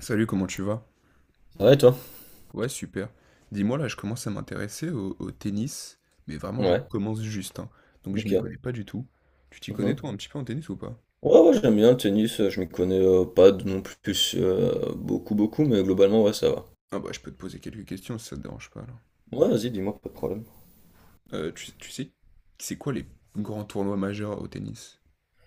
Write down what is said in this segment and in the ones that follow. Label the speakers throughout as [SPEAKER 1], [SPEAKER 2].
[SPEAKER 1] Salut, comment tu vas?
[SPEAKER 2] Ouais, toi?
[SPEAKER 1] Ouais, super. Dis-moi, là, je commence à m'intéresser au tennis, mais vraiment, je
[SPEAKER 2] Ouais,
[SPEAKER 1] commence juste, hein. Donc, je m'y connais
[SPEAKER 2] ok.
[SPEAKER 1] pas du tout. Tu t'y connais,
[SPEAKER 2] Mhm.
[SPEAKER 1] toi, un petit peu en tennis ou pas?
[SPEAKER 2] Ouais, ouais, j'aime bien le tennis, je m'y connais pas de- non plus beaucoup, beaucoup, mais globalement, ouais, ça va.
[SPEAKER 1] Ah bah, je peux te poser quelques questions si ça te dérange pas, là.
[SPEAKER 2] Ouais, vas-y, dis-moi, pas de problème.
[SPEAKER 1] Tu sais, c'est quoi les grands tournois majeurs au tennis?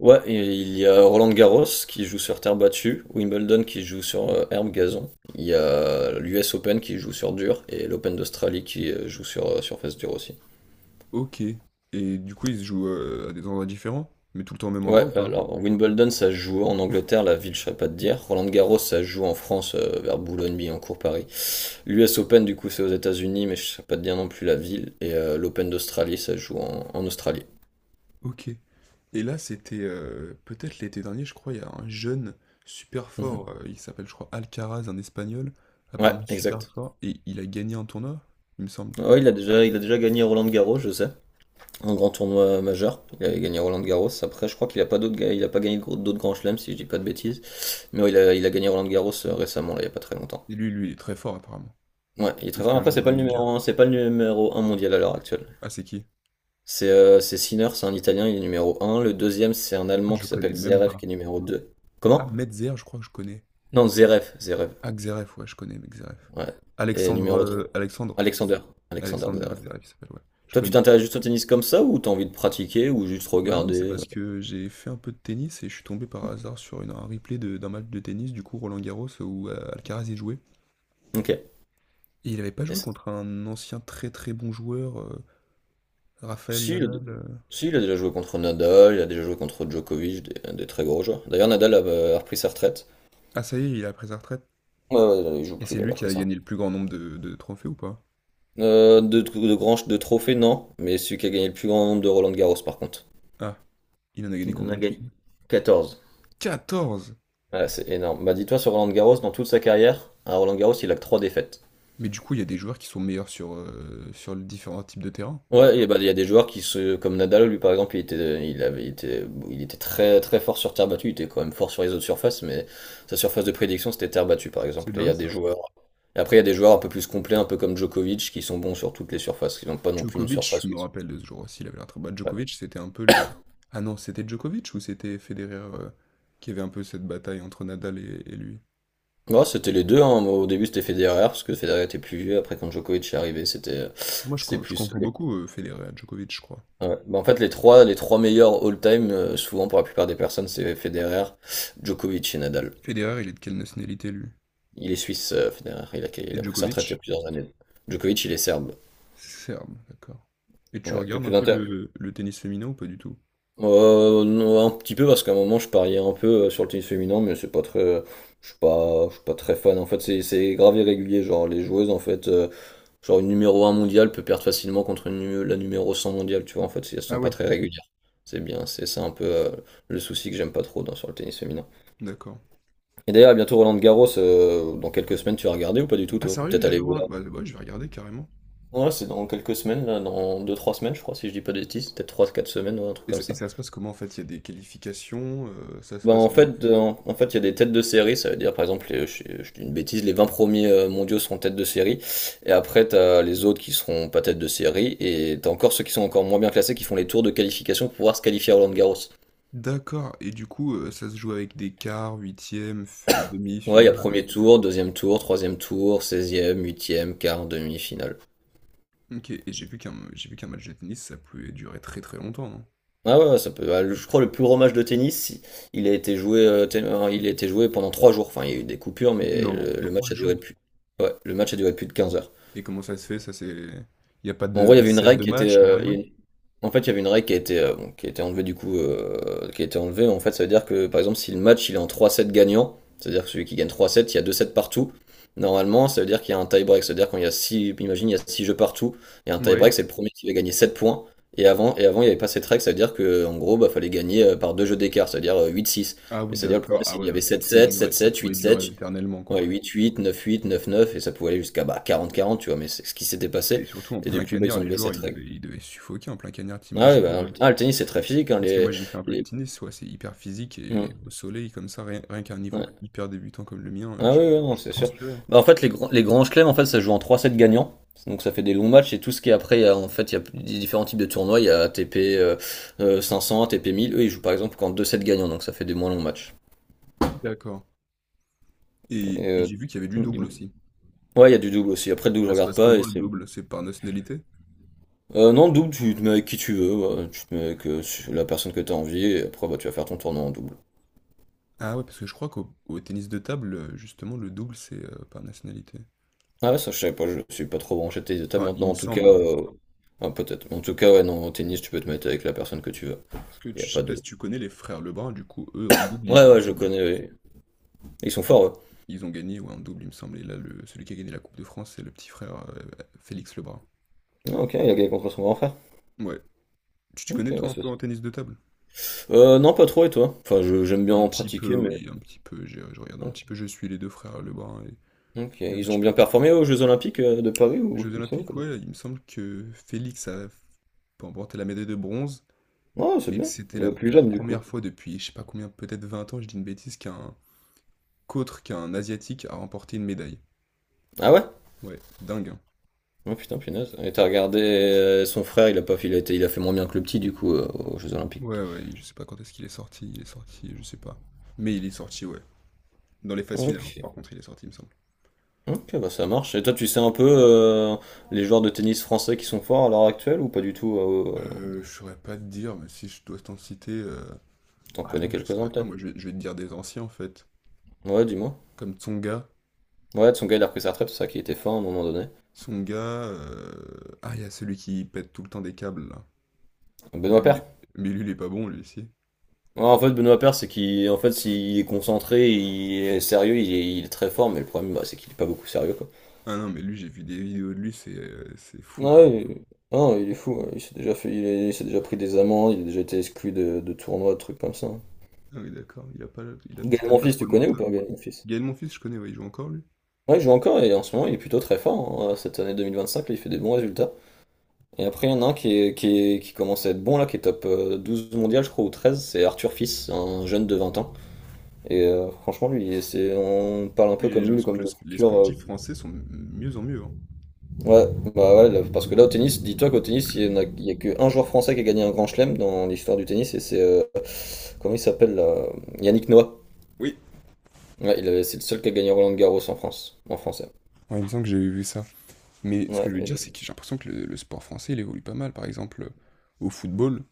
[SPEAKER 2] Ouais, et il y a Roland Garros qui joue sur terre battue, Wimbledon qui joue sur herbe gazon, il y a l'US Open qui joue sur dur, et l'Open d'Australie qui joue sur, surface dure aussi.
[SPEAKER 1] Ok. Et du coup, ils se jouent à des endroits différents, mais tout le temps au même
[SPEAKER 2] Ouais,
[SPEAKER 1] endroit ou pas?
[SPEAKER 2] alors Wimbledon, ça se joue en Angleterre, la ville, je ne pas te dire. Roland Garros, ça se joue en France, vers Boulogne, Billancourt, Paris. L'US Open, du coup, c'est aux États-Unis, mais je ne sais pas te dire non plus la ville. Et l'Open d'Australie, ça se joue en Australie.
[SPEAKER 1] Ok. Et là, c'était peut-être l'été dernier, je crois, il y a un jeune super
[SPEAKER 2] Mhm.
[SPEAKER 1] fort, il s'appelle, je crois, Alcaraz, un Espagnol,
[SPEAKER 2] Ouais,
[SPEAKER 1] apparemment super
[SPEAKER 2] exact.
[SPEAKER 1] fort, et il a gagné un tournoi, il me semble.
[SPEAKER 2] Ouais, il a déjà gagné Roland Garros, je sais. Un grand tournoi majeur. Il a gagné Roland Garros. Après, je crois qu'il a pas il a pas gagné d'autres grands chelems, si je dis pas de bêtises. Mais ouais, il a gagné Roland Garros récemment, là, il y a pas très longtemps.
[SPEAKER 1] Et lui, il est très fort, apparemment,
[SPEAKER 2] Ouais, il est
[SPEAKER 1] de
[SPEAKER 2] très
[SPEAKER 1] ce
[SPEAKER 2] fort.
[SPEAKER 1] que
[SPEAKER 2] Après, c'est
[SPEAKER 1] j'entends
[SPEAKER 2] pas le
[SPEAKER 1] lui dire.
[SPEAKER 2] numéro un, c'est pas le numéro un mondial à l'heure actuelle.
[SPEAKER 1] Ah, c'est qui?
[SPEAKER 2] C'est Sinner, c'est un Italien, il est numéro un. Le deuxième, c'est un
[SPEAKER 1] Ah,
[SPEAKER 2] Allemand
[SPEAKER 1] je
[SPEAKER 2] qui
[SPEAKER 1] connais
[SPEAKER 2] s'appelle
[SPEAKER 1] même
[SPEAKER 2] Zverev, qui
[SPEAKER 1] pas.
[SPEAKER 2] est numéro 2.
[SPEAKER 1] Ah,
[SPEAKER 2] Comment?
[SPEAKER 1] Medzer, je crois que je connais.
[SPEAKER 2] Non, Zverev, Zverev.
[SPEAKER 1] Ah, Xeref, ouais, je connais, Xeref.
[SPEAKER 2] Ouais. Et
[SPEAKER 1] Alexandre,
[SPEAKER 2] numéro 3,
[SPEAKER 1] euh, Alexandre,
[SPEAKER 2] Alexander. Alexander
[SPEAKER 1] Alexander
[SPEAKER 2] Zverev.
[SPEAKER 1] Xeref, il s'appelle, ouais, je
[SPEAKER 2] Toi, tu
[SPEAKER 1] connais.
[SPEAKER 2] t'intéresses juste au tennis comme ça, ou t'as envie de pratiquer, ou juste
[SPEAKER 1] Bah non, c'est
[SPEAKER 2] regarder?
[SPEAKER 1] parce que j'ai fait un peu de tennis et je suis tombé par hasard sur un replay d'un match de tennis, du coup, Roland Garros, où Alcaraz y jouait.
[SPEAKER 2] Ok.
[SPEAKER 1] Et il n'avait pas joué
[SPEAKER 2] C'est-
[SPEAKER 1] contre un ancien très très bon joueur, Rafael
[SPEAKER 2] Si, il a,
[SPEAKER 1] Nadal?
[SPEAKER 2] si, il a déjà joué contre Nadal, il a déjà joué contre Djokovic, des très gros joueurs. D'ailleurs, Nadal a repris sa retraite.
[SPEAKER 1] Ah ça y est, il a pris sa retraite?
[SPEAKER 2] Ouais, ouais, il joue
[SPEAKER 1] Et
[SPEAKER 2] plus,
[SPEAKER 1] c'est
[SPEAKER 2] là, il
[SPEAKER 1] lui
[SPEAKER 2] a
[SPEAKER 1] qui
[SPEAKER 2] pris
[SPEAKER 1] a
[SPEAKER 2] sa
[SPEAKER 1] gagné
[SPEAKER 2] retraite.
[SPEAKER 1] le plus grand nombre de trophées ou pas?
[SPEAKER 2] De trophées, non. Mais celui qui a gagné le plus grand nombre de Roland Garros, par contre.
[SPEAKER 1] Ah, il en a gagné
[SPEAKER 2] Il en a
[SPEAKER 1] combien, tu
[SPEAKER 2] gagné
[SPEAKER 1] sais?
[SPEAKER 2] 14.
[SPEAKER 1] 14!
[SPEAKER 2] Ouais, c'est énorme. Bah, dis-toi, sur Roland Garros, dans toute sa carrière, à Roland Garros, il a que 3 défaites.
[SPEAKER 1] Mais du coup, il y a des joueurs qui sont meilleurs sur les différents types de terrain.
[SPEAKER 2] Ouais, et bah, il y a des joueurs qui se. Comme Nadal, lui, par exemple, il était, il avait, été, il était très, très fort sur terre battue. Il était quand même fort sur les autres surfaces, mais sa surface de prédiction, c'était terre battue, par
[SPEAKER 1] C'est
[SPEAKER 2] exemple. Et il y
[SPEAKER 1] dingue
[SPEAKER 2] a
[SPEAKER 1] ça.
[SPEAKER 2] des joueurs. Et après, il y a des joueurs un peu plus complets, un peu comme Djokovic, qui sont bons sur toutes les surfaces, qui n'ont pas non plus une
[SPEAKER 1] Djokovic, je
[SPEAKER 2] surface où
[SPEAKER 1] me rappelle de ce jour aussi, il avait l'air très bas.
[SPEAKER 2] ouais.
[SPEAKER 1] Djokovic, c'était un peu les ah non, c'était Djokovic ou c'était Federer, qui avait un peu cette bataille entre Nadal et lui?
[SPEAKER 2] Ouais, c'était les deux, hein. Au début, c'était Federer, parce que Federer était plus vieux. Après, quand Djokovic est arrivé, c'était
[SPEAKER 1] Moi, je
[SPEAKER 2] c'était
[SPEAKER 1] con je
[SPEAKER 2] plus
[SPEAKER 1] confonds beaucoup, Federer et Djokovic, je crois.
[SPEAKER 2] ouais. Bah, en fait, les trois meilleurs all-time, souvent pour la plupart des personnes, c'est Federer, Djokovic et Nadal.
[SPEAKER 1] Federer, il est de quelle nationalité, lui?
[SPEAKER 2] Il est suisse, Federer. Il a, il
[SPEAKER 1] Et
[SPEAKER 2] a pris sa retraite il y a
[SPEAKER 1] Djokovic?
[SPEAKER 2] plusieurs années. Djokovic, il est serbe.
[SPEAKER 1] Serbe, d'accord. Et tu
[SPEAKER 2] Ouais. Et
[SPEAKER 1] regardes un
[SPEAKER 2] puis
[SPEAKER 1] peu
[SPEAKER 2] l'inter.
[SPEAKER 1] le tennis féminin ou pas du tout?
[SPEAKER 2] Non, un petit peu parce qu'à un moment, je pariais un peu sur le tennis féminin, mais c'est pas très. Je suis pas très fan. En fait, c'est grave irrégulier. Genre, les joueuses, en fait, genre une numéro un mondiale peut perdre facilement contre la numéro 100 mondiale. Tu vois, en fait, si elles
[SPEAKER 1] Ah
[SPEAKER 2] sont pas
[SPEAKER 1] oui.
[SPEAKER 2] très régulières. C'est bien. C'est ça un peu le souci que j'aime pas trop sur le tennis féminin.
[SPEAKER 1] D'accord.
[SPEAKER 2] Et d'ailleurs, à bientôt Roland Garros, dans quelques semaines, tu vas regarder ou pas du tout,
[SPEAKER 1] Ah
[SPEAKER 2] toi?
[SPEAKER 1] sérieux,
[SPEAKER 2] Peut-être
[SPEAKER 1] il y a le
[SPEAKER 2] aller voir.
[SPEAKER 1] Roland? Bah ouais, je vais regarder carrément.
[SPEAKER 2] Ouais, c'est dans quelques semaines, là, dans deux-trois semaines, je crois, si je dis pas de bêtises, peut-être trois-quatre semaines, ouais, un truc
[SPEAKER 1] Et
[SPEAKER 2] comme
[SPEAKER 1] ça, et
[SPEAKER 2] ça.
[SPEAKER 1] ça se passe comment en fait? Il y a des qualifications, ça se
[SPEAKER 2] Ben,
[SPEAKER 1] passe.
[SPEAKER 2] en fait, il y a des têtes de série, ça veut dire, par exemple, je dis une bêtise, les 20 premiers mondiaux seront têtes de série, et après, t'as les autres qui seront pas têtes de série, et t'as encore ceux qui sont encore moins bien classés qui font les tours de qualification pour pouvoir se qualifier à Roland Garros.
[SPEAKER 1] D'accord, et du coup, ça se joue avec des quarts, huitièmes,
[SPEAKER 2] Ouais, il y a
[SPEAKER 1] demi-finale.
[SPEAKER 2] premier tour, deuxième tour, troisième tour, seizième, huitième, quart, demi-finale.
[SPEAKER 1] Ok, et j'ai vu qu'un match de tennis, ça pouvait durer très très longtemps, non?
[SPEAKER 2] Ah ouais, ouais, ça peut. Je crois le plus gros match de tennis, il a été joué, il a été joué pendant 3 jours. Enfin, il y a eu des coupures, mais
[SPEAKER 1] Non,
[SPEAKER 2] le match
[SPEAKER 1] trois
[SPEAKER 2] a duré
[SPEAKER 1] jours.
[SPEAKER 2] plus. Ouais, le match a duré plus de 15 heures.
[SPEAKER 1] Et comment ça se fait? Ça c'est. Il n'y a pas
[SPEAKER 2] Bon, en gros, il y
[SPEAKER 1] de
[SPEAKER 2] avait une
[SPEAKER 1] set
[SPEAKER 2] règle
[SPEAKER 1] de
[SPEAKER 2] qui était.
[SPEAKER 1] match, ni
[SPEAKER 2] Il y a
[SPEAKER 1] rien?
[SPEAKER 2] une- en fait, il y avait une règle qui a été, bon, qui a été enlevée du coup. Qui a été enlevée. En fait, ça veut dire que par exemple, si le match il est en trois 7 gagnant, c'est-à-dire que celui qui gagne trois 7 il y a deux 7 partout. Normalement, ça veut dire qu'il y a un tie-break. C'est-à-dire quand il y a 6 imagine, il y a 6 jeux partout, il y a un
[SPEAKER 1] Ouais.
[SPEAKER 2] tie-break, c'est le premier qui va gagner 7 points. Et avant, il n'y avait pas cette règle, ça veut dire que en gros, bah, fallait gagner par deux jeux d'écart, c'est-à-dire 8-6.
[SPEAKER 1] Ah
[SPEAKER 2] Mais
[SPEAKER 1] oui,
[SPEAKER 2] c'est-à-dire le
[SPEAKER 1] d'accord.
[SPEAKER 2] problème,
[SPEAKER 1] Ah
[SPEAKER 2] c'est qu'il
[SPEAKER 1] ouais,
[SPEAKER 2] y
[SPEAKER 1] non,
[SPEAKER 2] avait
[SPEAKER 1] ça
[SPEAKER 2] sept
[SPEAKER 1] pouvait
[SPEAKER 2] sept sept
[SPEAKER 1] durer ça
[SPEAKER 2] sept
[SPEAKER 1] pouvait
[SPEAKER 2] huit sept
[SPEAKER 1] durer éternellement, quoi.
[SPEAKER 2] ouais, huit huit neuf huit neuf neuf et ça pouvait aller jusqu'à bah, quarante quarante tu vois, mais c'est ce qui s'était passé.
[SPEAKER 1] Et surtout en
[SPEAKER 2] Et
[SPEAKER 1] plein
[SPEAKER 2] depuis, bah,
[SPEAKER 1] cagnard,
[SPEAKER 2] ils ont
[SPEAKER 1] les
[SPEAKER 2] enlevé
[SPEAKER 1] joueurs,
[SPEAKER 2] cette
[SPEAKER 1] ils
[SPEAKER 2] règle.
[SPEAKER 1] devaient ils devaient suffoquer en plein cagnard, tu
[SPEAKER 2] Ah oui,
[SPEAKER 1] imagines?
[SPEAKER 2] bah, ah, le tennis, c'est très physique, hein,
[SPEAKER 1] Parce que moi, j'ai fait un peu de
[SPEAKER 2] les-
[SPEAKER 1] tennis, ouais, c'est hyper physique
[SPEAKER 2] hmm,
[SPEAKER 1] et au soleil comme ça, rien qu'un niveau
[SPEAKER 2] ouais.
[SPEAKER 1] hyper débutant comme le mien,
[SPEAKER 2] Ah
[SPEAKER 1] je
[SPEAKER 2] oui, ouais, non,
[SPEAKER 1] je
[SPEAKER 2] c'est sûr.
[SPEAKER 1] transpirais, hein.
[SPEAKER 2] Bah, en fait, les grands chelems, en fait, ça se joue en 3 sets gagnants. Donc ça fait des longs matchs et tout ce qui est après, il y a, en fait, il y a des différents types de tournois. Il y a ATP 500, A T P 1000. Eux, ils jouent par exemple qu'en 2 sets gagnants, donc ça fait des moins longs matchs.
[SPEAKER 1] D'accord et
[SPEAKER 2] Et,
[SPEAKER 1] et
[SPEAKER 2] euh,
[SPEAKER 1] j'ai vu qu'il y avait du double
[SPEAKER 2] Dis-moi.
[SPEAKER 1] aussi.
[SPEAKER 2] Ouais, il y a du double aussi. Après, le double, je
[SPEAKER 1] Ça se
[SPEAKER 2] regarde
[SPEAKER 1] passe
[SPEAKER 2] pas. Et
[SPEAKER 1] comment le
[SPEAKER 2] c'est...
[SPEAKER 1] double? C'est par nationalité?
[SPEAKER 2] Non, le double, tu te mets avec qui tu veux, ouais. Tu te mets avec la personne que tu as envie. Et après, bah, tu vas faire ton tournoi en double.
[SPEAKER 1] Ah ouais, parce que je crois qu'au tennis de table, justement, le double, c'est par nationalité.
[SPEAKER 2] Ah ouais, ça je savais pas, je suis pas trop branché tennis de table
[SPEAKER 1] Enfin, il
[SPEAKER 2] maintenant
[SPEAKER 1] me
[SPEAKER 2] en tout cas.
[SPEAKER 1] semble, hein.
[SPEAKER 2] euh, ah, Peut-être. En tout cas, ouais, non, au tennis, tu peux te mettre avec la personne que tu veux.
[SPEAKER 1] Parce que
[SPEAKER 2] Il
[SPEAKER 1] tu
[SPEAKER 2] a
[SPEAKER 1] je sais
[SPEAKER 2] pas
[SPEAKER 1] pas
[SPEAKER 2] de.
[SPEAKER 1] si tu connais les frères Lebrun, du coup, eux, en double, ils
[SPEAKER 2] Ouais,
[SPEAKER 1] jouent
[SPEAKER 2] ouais, je
[SPEAKER 1] ensemble.
[SPEAKER 2] connais, ouais. Ils sont forts, eux.
[SPEAKER 1] Ils ont gagné ouais, en double, il me semble. Et là, celui qui a gagné la Coupe de France, c'est le petit frère Félix Lebrun.
[SPEAKER 2] Ah, ok, il a gagné contre son grand frère.
[SPEAKER 1] Ouais. Tu te
[SPEAKER 2] Ok,
[SPEAKER 1] connais,
[SPEAKER 2] ouais,
[SPEAKER 1] toi, un peu en tennis de table?
[SPEAKER 2] non, pas trop, et toi? Enfin, j'aime bien
[SPEAKER 1] Un
[SPEAKER 2] en
[SPEAKER 1] petit peu,
[SPEAKER 2] pratiquer, mais.
[SPEAKER 1] oui, un petit peu. Je regarde un
[SPEAKER 2] Oh,
[SPEAKER 1] petit peu. Je suis les deux frères Lebrun et,
[SPEAKER 2] ok,
[SPEAKER 1] et un
[SPEAKER 2] ils
[SPEAKER 1] petit
[SPEAKER 2] ont
[SPEAKER 1] peu
[SPEAKER 2] bien
[SPEAKER 1] les
[SPEAKER 2] performé aux Jeux Olympiques de Paris
[SPEAKER 1] les
[SPEAKER 2] ou
[SPEAKER 1] Jeux
[SPEAKER 2] tu sais ou pas
[SPEAKER 1] Olympiques,
[SPEAKER 2] du tout.
[SPEAKER 1] ouais. Il me semble que Félix a remporté la médaille de bronze
[SPEAKER 2] Ouais, c'est
[SPEAKER 1] et que
[SPEAKER 2] bien.
[SPEAKER 1] c'était
[SPEAKER 2] Le
[SPEAKER 1] la,
[SPEAKER 2] plus
[SPEAKER 1] la
[SPEAKER 2] jeune, du
[SPEAKER 1] première
[SPEAKER 2] coup.
[SPEAKER 1] fois depuis, je sais pas combien, peut-être 20 ans, je dis une bêtise, qu'autre qu'un Asiatique a remporté une médaille.
[SPEAKER 2] Ah ouais?
[SPEAKER 1] Ouais, dingue, hein.
[SPEAKER 2] Oh putain, punaise. Et t'as regardé son frère, il a pas fait, il a été- il a fait moins bien que le petit, du coup, aux Jeux Olympiques.
[SPEAKER 1] Ouais, ouais, je sais pas quand est-ce qu'il est sorti. Il est sorti, je sais pas. Mais il est sorti, ouais. Dans les phases finales,
[SPEAKER 2] Ok.
[SPEAKER 1] par contre, il est sorti, il me semble.
[SPEAKER 2] Ok, bah ça marche. Et toi, tu sais un peu les joueurs de tennis français qui sont forts à l'heure actuelle ou pas du tout
[SPEAKER 1] Je saurais pas te dire, mais si je dois t'en citer.
[SPEAKER 2] T'en
[SPEAKER 1] Ah
[SPEAKER 2] connais
[SPEAKER 1] non, je
[SPEAKER 2] quelques-uns
[SPEAKER 1] saurais pas,
[SPEAKER 2] peut-être?
[SPEAKER 1] moi je vais te dire des anciens en fait.
[SPEAKER 2] Ouais, dis-moi.
[SPEAKER 1] Comme Tsonga.
[SPEAKER 2] Ouais, son gars, il a repris sa retraite, c'est ça qui était fort à un moment donné.
[SPEAKER 1] Tsonga. Ah, il y a celui qui pète tout le temps des câbles là. Mais
[SPEAKER 2] Benoît
[SPEAKER 1] lui, il
[SPEAKER 2] Paire.
[SPEAKER 1] est- mais lui, il est pas bon lui aussi.
[SPEAKER 2] Ouais, en fait, Benoît Paire, c'est qu'il, en fait, s'il est concentré, il est sérieux, il est très fort, mais le problème, bah, c'est qu'il est pas beaucoup sérieux, quoi.
[SPEAKER 1] Ah non, mais lui, j'ai vu des vidéos de lui, c'est fou comme.
[SPEAKER 2] Ouais, il... non, il est fou, ouais. Il s'est déjà fait, il s'est déjà pris des amendes, il a déjà été exclu de tournois, de trucs comme ça.
[SPEAKER 1] Ah oui, d'accord, il a pas, il a
[SPEAKER 2] Gaël
[SPEAKER 1] peut-être pas
[SPEAKER 2] Monfils,
[SPEAKER 1] trop
[SPEAKER 2] tu
[SPEAKER 1] le
[SPEAKER 2] connais ou
[SPEAKER 1] mental.
[SPEAKER 2] pas Gaël Monfils?
[SPEAKER 1] Gaël Monfils, je connais, ouais, il joue encore lui.
[SPEAKER 2] Ouais, il joue encore et en ce moment il est plutôt très fort, hein. Cette année 2025, là, il fait des bons résultats. Et après, il y en a un qui commence à être bon, là, qui est top 12 mondial, je crois, ou 13, c'est Arthur Fils, un jeune de 20 ans. Et franchement, lui, c'est, on parle un peu
[SPEAKER 1] Oui, j'ai
[SPEAKER 2] comme lui,
[SPEAKER 1] l'impression
[SPEAKER 2] comme
[SPEAKER 1] que
[SPEAKER 2] le
[SPEAKER 1] les
[SPEAKER 2] futur.
[SPEAKER 1] sportifs français sont de mieux en mieux, hein.
[SPEAKER 2] Ouais, bah ouais, là, parce que là, au tennis, dis-toi qu'au tennis, il y a qu'un joueur français qui a gagné un grand chelem dans l'histoire du tennis, et c'est comment il s'appelle là? Yannick Noah.
[SPEAKER 1] Oui.
[SPEAKER 2] Ouais, c'est le seul qui a gagné Roland Garros en France, en français.
[SPEAKER 1] Ouais, il me semble que j'ai vu ça. Mais ce que
[SPEAKER 2] Ouais,
[SPEAKER 1] je veux dire, c'est que j'ai l'impression que le sport français, il évolue pas mal. Par exemple, au football,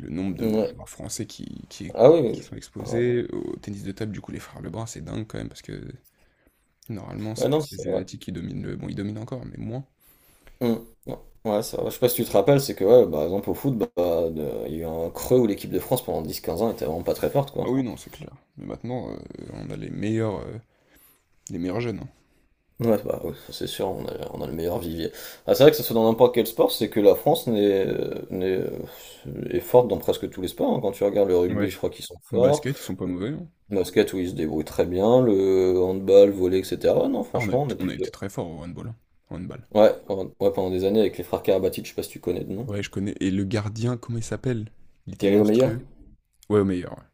[SPEAKER 1] le nombre de
[SPEAKER 2] ouais.
[SPEAKER 1] joueurs français qui, qui,
[SPEAKER 2] Ah oui,
[SPEAKER 1] qui
[SPEAKER 2] oui.
[SPEAKER 1] sont
[SPEAKER 2] Ouais,
[SPEAKER 1] exposés. Au tennis de table, du coup, les frères Lebrun, c'est dingue quand même, parce que normalement,
[SPEAKER 2] ouais,
[SPEAKER 1] c'est
[SPEAKER 2] non,
[SPEAKER 1] plus
[SPEAKER 2] c'est
[SPEAKER 1] les
[SPEAKER 2] vrai.
[SPEAKER 1] Asiatiques qui dominent. Bon, ils dominent encore, mais moins.
[SPEAKER 2] Mm. Ouais, ouais, ça va. Je sais pas si tu te rappelles, c'est que, ouais, par exemple, au foot, bah, il y a eu un creux où l'équipe de France pendant 10 15 ans était vraiment pas très forte,
[SPEAKER 1] Ah
[SPEAKER 2] quoi.
[SPEAKER 1] oui, non, c'est clair. Mais maintenant, on a les meilleurs jeunes, hein.
[SPEAKER 2] Ouais, bah, ouais, ça, c'est sûr, on a le meilleur vivier. Ah, c'est vrai que ça soit dans n'importe quel sport, c'est que la France n'est- est forte dans presque tous les sports, hein. Quand tu regardes le rugby,
[SPEAKER 1] Ouais.
[SPEAKER 2] je crois qu'ils sont forts.
[SPEAKER 1] Basket, ils sont pas mauvais, hein.
[SPEAKER 2] Le basket, où ils se débrouillent très bien. Le handball, le volley, etc. Ouais, non,
[SPEAKER 1] Ah, on a,
[SPEAKER 2] franchement, on est
[SPEAKER 1] on a
[SPEAKER 2] plutôt.
[SPEAKER 1] été très fort au handball, hein. Au handball.
[SPEAKER 2] Ouais, ouais, pendant des années, avec les frères Karabatic, je sais pas si tu connais de nom.
[SPEAKER 1] Ouais, je connais. Et le gardien, comment il s'appelle? Il était
[SPEAKER 2] Thierry Omeyer?
[SPEAKER 1] monstrueux. Ouais, au meilleur, ouais.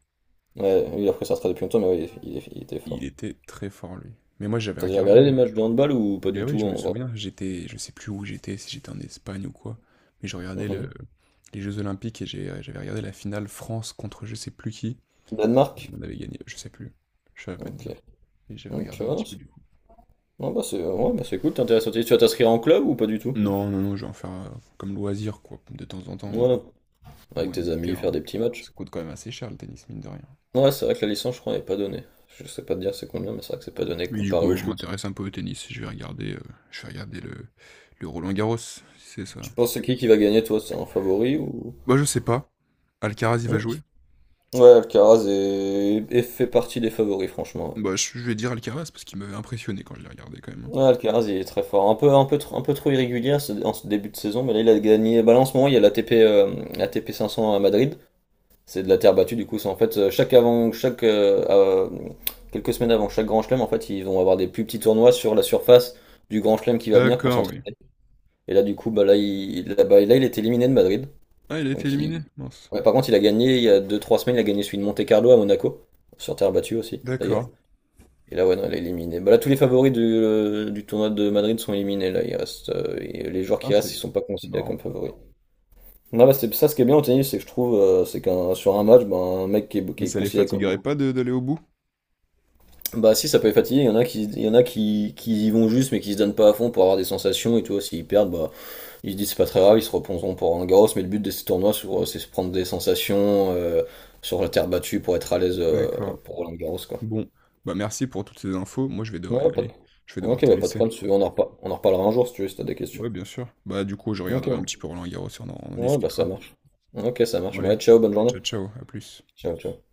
[SPEAKER 2] Ouais, lui, il a pris sa retraite depuis longtemps, mais ouais, il était
[SPEAKER 1] Il
[SPEAKER 2] fort.
[SPEAKER 1] était très fort, lui. Mais moi, j'avais
[SPEAKER 2] T'as déjà
[SPEAKER 1] regardé.
[SPEAKER 2] regardé les matchs de handball ou pas
[SPEAKER 1] Ben
[SPEAKER 2] du
[SPEAKER 1] oui,
[SPEAKER 2] tout
[SPEAKER 1] je me
[SPEAKER 2] en vrai?
[SPEAKER 1] souviens, j'étais, je sais plus où j'étais, si j'étais en Espagne ou quoi, mais je regardais
[SPEAKER 2] Mhm.
[SPEAKER 1] les Jeux Olympiques et j'avais regardé la finale France contre je sais plus qui. Et
[SPEAKER 2] Danemark?
[SPEAKER 1] on avait gagné, je sais plus. Je savais pas te
[SPEAKER 2] Ok.
[SPEAKER 1] dire. Mais j'avais
[SPEAKER 2] Ok,
[SPEAKER 1] regardé
[SPEAKER 2] ouais,
[SPEAKER 1] un
[SPEAKER 2] non,
[SPEAKER 1] petit peu
[SPEAKER 2] c'est
[SPEAKER 1] du coup.
[SPEAKER 2] ouais, bah, c'est ouais, bah, c'est cool, t'es intéressé. Tu vas t'inscrire en club ou pas du tout?
[SPEAKER 1] Non, non, non, je vais en faire comme loisir, quoi. De temps en temps,
[SPEAKER 2] Ouais, avec
[SPEAKER 1] louer un
[SPEAKER 2] tes
[SPEAKER 1] petit
[SPEAKER 2] amis, faire
[SPEAKER 1] terrain.
[SPEAKER 2] des petits matchs.
[SPEAKER 1] Ça coûte quand même assez cher le tennis, mine de rien.
[SPEAKER 2] Ouais, c'est vrai que la licence, je crois, n'est pas donnée. Je sais pas te dire c'est combien, mais c'est vrai que c'est pas donné
[SPEAKER 1] Mais du
[SPEAKER 2] comparé
[SPEAKER 1] coup,
[SPEAKER 2] au
[SPEAKER 1] ouais, je
[SPEAKER 2] foot.
[SPEAKER 1] m'intéresse un peu au tennis. Je vais regarder le Roland Garros, si c'est ça.
[SPEAKER 2] Tu penses c'est qui va gagner, toi? C'est un favori ou...
[SPEAKER 1] Bah je sais pas. Alcaraz, il va jouer?
[SPEAKER 2] Ok. Ouais, Alcaraz est fait partie des favoris, franchement.
[SPEAKER 1] Bah, je vais dire Alcaraz parce qu'il m'avait impressionné quand je l'ai regardé quand même, hein.
[SPEAKER 2] Ouais, ouais, Alcaraz, il est très fort. Un peu trop irrégulier en ce début de saison, mais là, il a gagné. Bah, là, en ce moment, il y a la l'ATP euh, l'ATP 500 à Madrid. C'est de la terre battue, du coup. C'est en fait, chaque, quelques semaines avant chaque grand chelem, en fait, ils vont avoir des plus petits tournois sur la surface du grand chelem qui va venir pour
[SPEAKER 1] D'accord, oui.
[SPEAKER 2] s'entraîner. Et là, du coup, bah, là, il, là, bah, là, il est éliminé de Madrid.
[SPEAKER 1] Ah, il a été
[SPEAKER 2] Donc,
[SPEAKER 1] éliminé,
[SPEAKER 2] il...
[SPEAKER 1] mince.
[SPEAKER 2] ouais, par contre, il a gagné, il y a deux trois semaines, il a gagné celui de Monte Carlo à Monaco, sur terre battue aussi, d'ailleurs.
[SPEAKER 1] D'accord.
[SPEAKER 2] Et là, ouais, non, il est éliminé. Bah, là, tous les favoris du tournoi de Madrid sont éliminés. Là, il reste, et les joueurs
[SPEAKER 1] Ah,
[SPEAKER 2] qui restent,
[SPEAKER 1] c'est
[SPEAKER 2] ils sont pas
[SPEAKER 1] c'est
[SPEAKER 2] considérés comme
[SPEAKER 1] marrant.
[SPEAKER 2] favoris. Non, bah, c'est ça, ce qui est bien au tennis, c'est que je trouve, c'est qu'un sur un match, ben un mec qui
[SPEAKER 1] Mais
[SPEAKER 2] est
[SPEAKER 1] ça les
[SPEAKER 2] considéré comme...
[SPEAKER 1] fatiguerait pas d'aller au bout?
[SPEAKER 2] Bah si ça peut être fatigué, il y en a qui y vont juste mais qui se donnent pas à fond pour avoir des sensations et tout, s'ils perdent, bah ils se disent c'est pas très grave, ils se reposeront pour un Garros, mais le but de ces c'est se prendre des sensations sur la terre battue pour être à l'aise
[SPEAKER 1] D'accord.
[SPEAKER 2] pour Roland Garros quoi.
[SPEAKER 1] Bon, bah merci pour toutes ces infos. Moi, je vais devoir y
[SPEAKER 2] Ouais, pas de...
[SPEAKER 1] aller. Je vais devoir
[SPEAKER 2] Ok,
[SPEAKER 1] te
[SPEAKER 2] bah pas de
[SPEAKER 1] laisser.
[SPEAKER 2] problème, si tu veux, on en reparlera un jour si tu veux, si t'as des questions.
[SPEAKER 1] Ouais, bien sûr. Bah, du coup, je
[SPEAKER 2] Ok,
[SPEAKER 1] regarderai un petit peu Roland Garros et on en
[SPEAKER 2] ouais, bah ça
[SPEAKER 1] discutera.
[SPEAKER 2] marche. Ok, ça
[SPEAKER 1] Bon,
[SPEAKER 2] marche,
[SPEAKER 1] allez.
[SPEAKER 2] ouais, ciao, bonne journée.
[SPEAKER 1] Ciao, ciao, à plus.
[SPEAKER 2] Ciao ciao.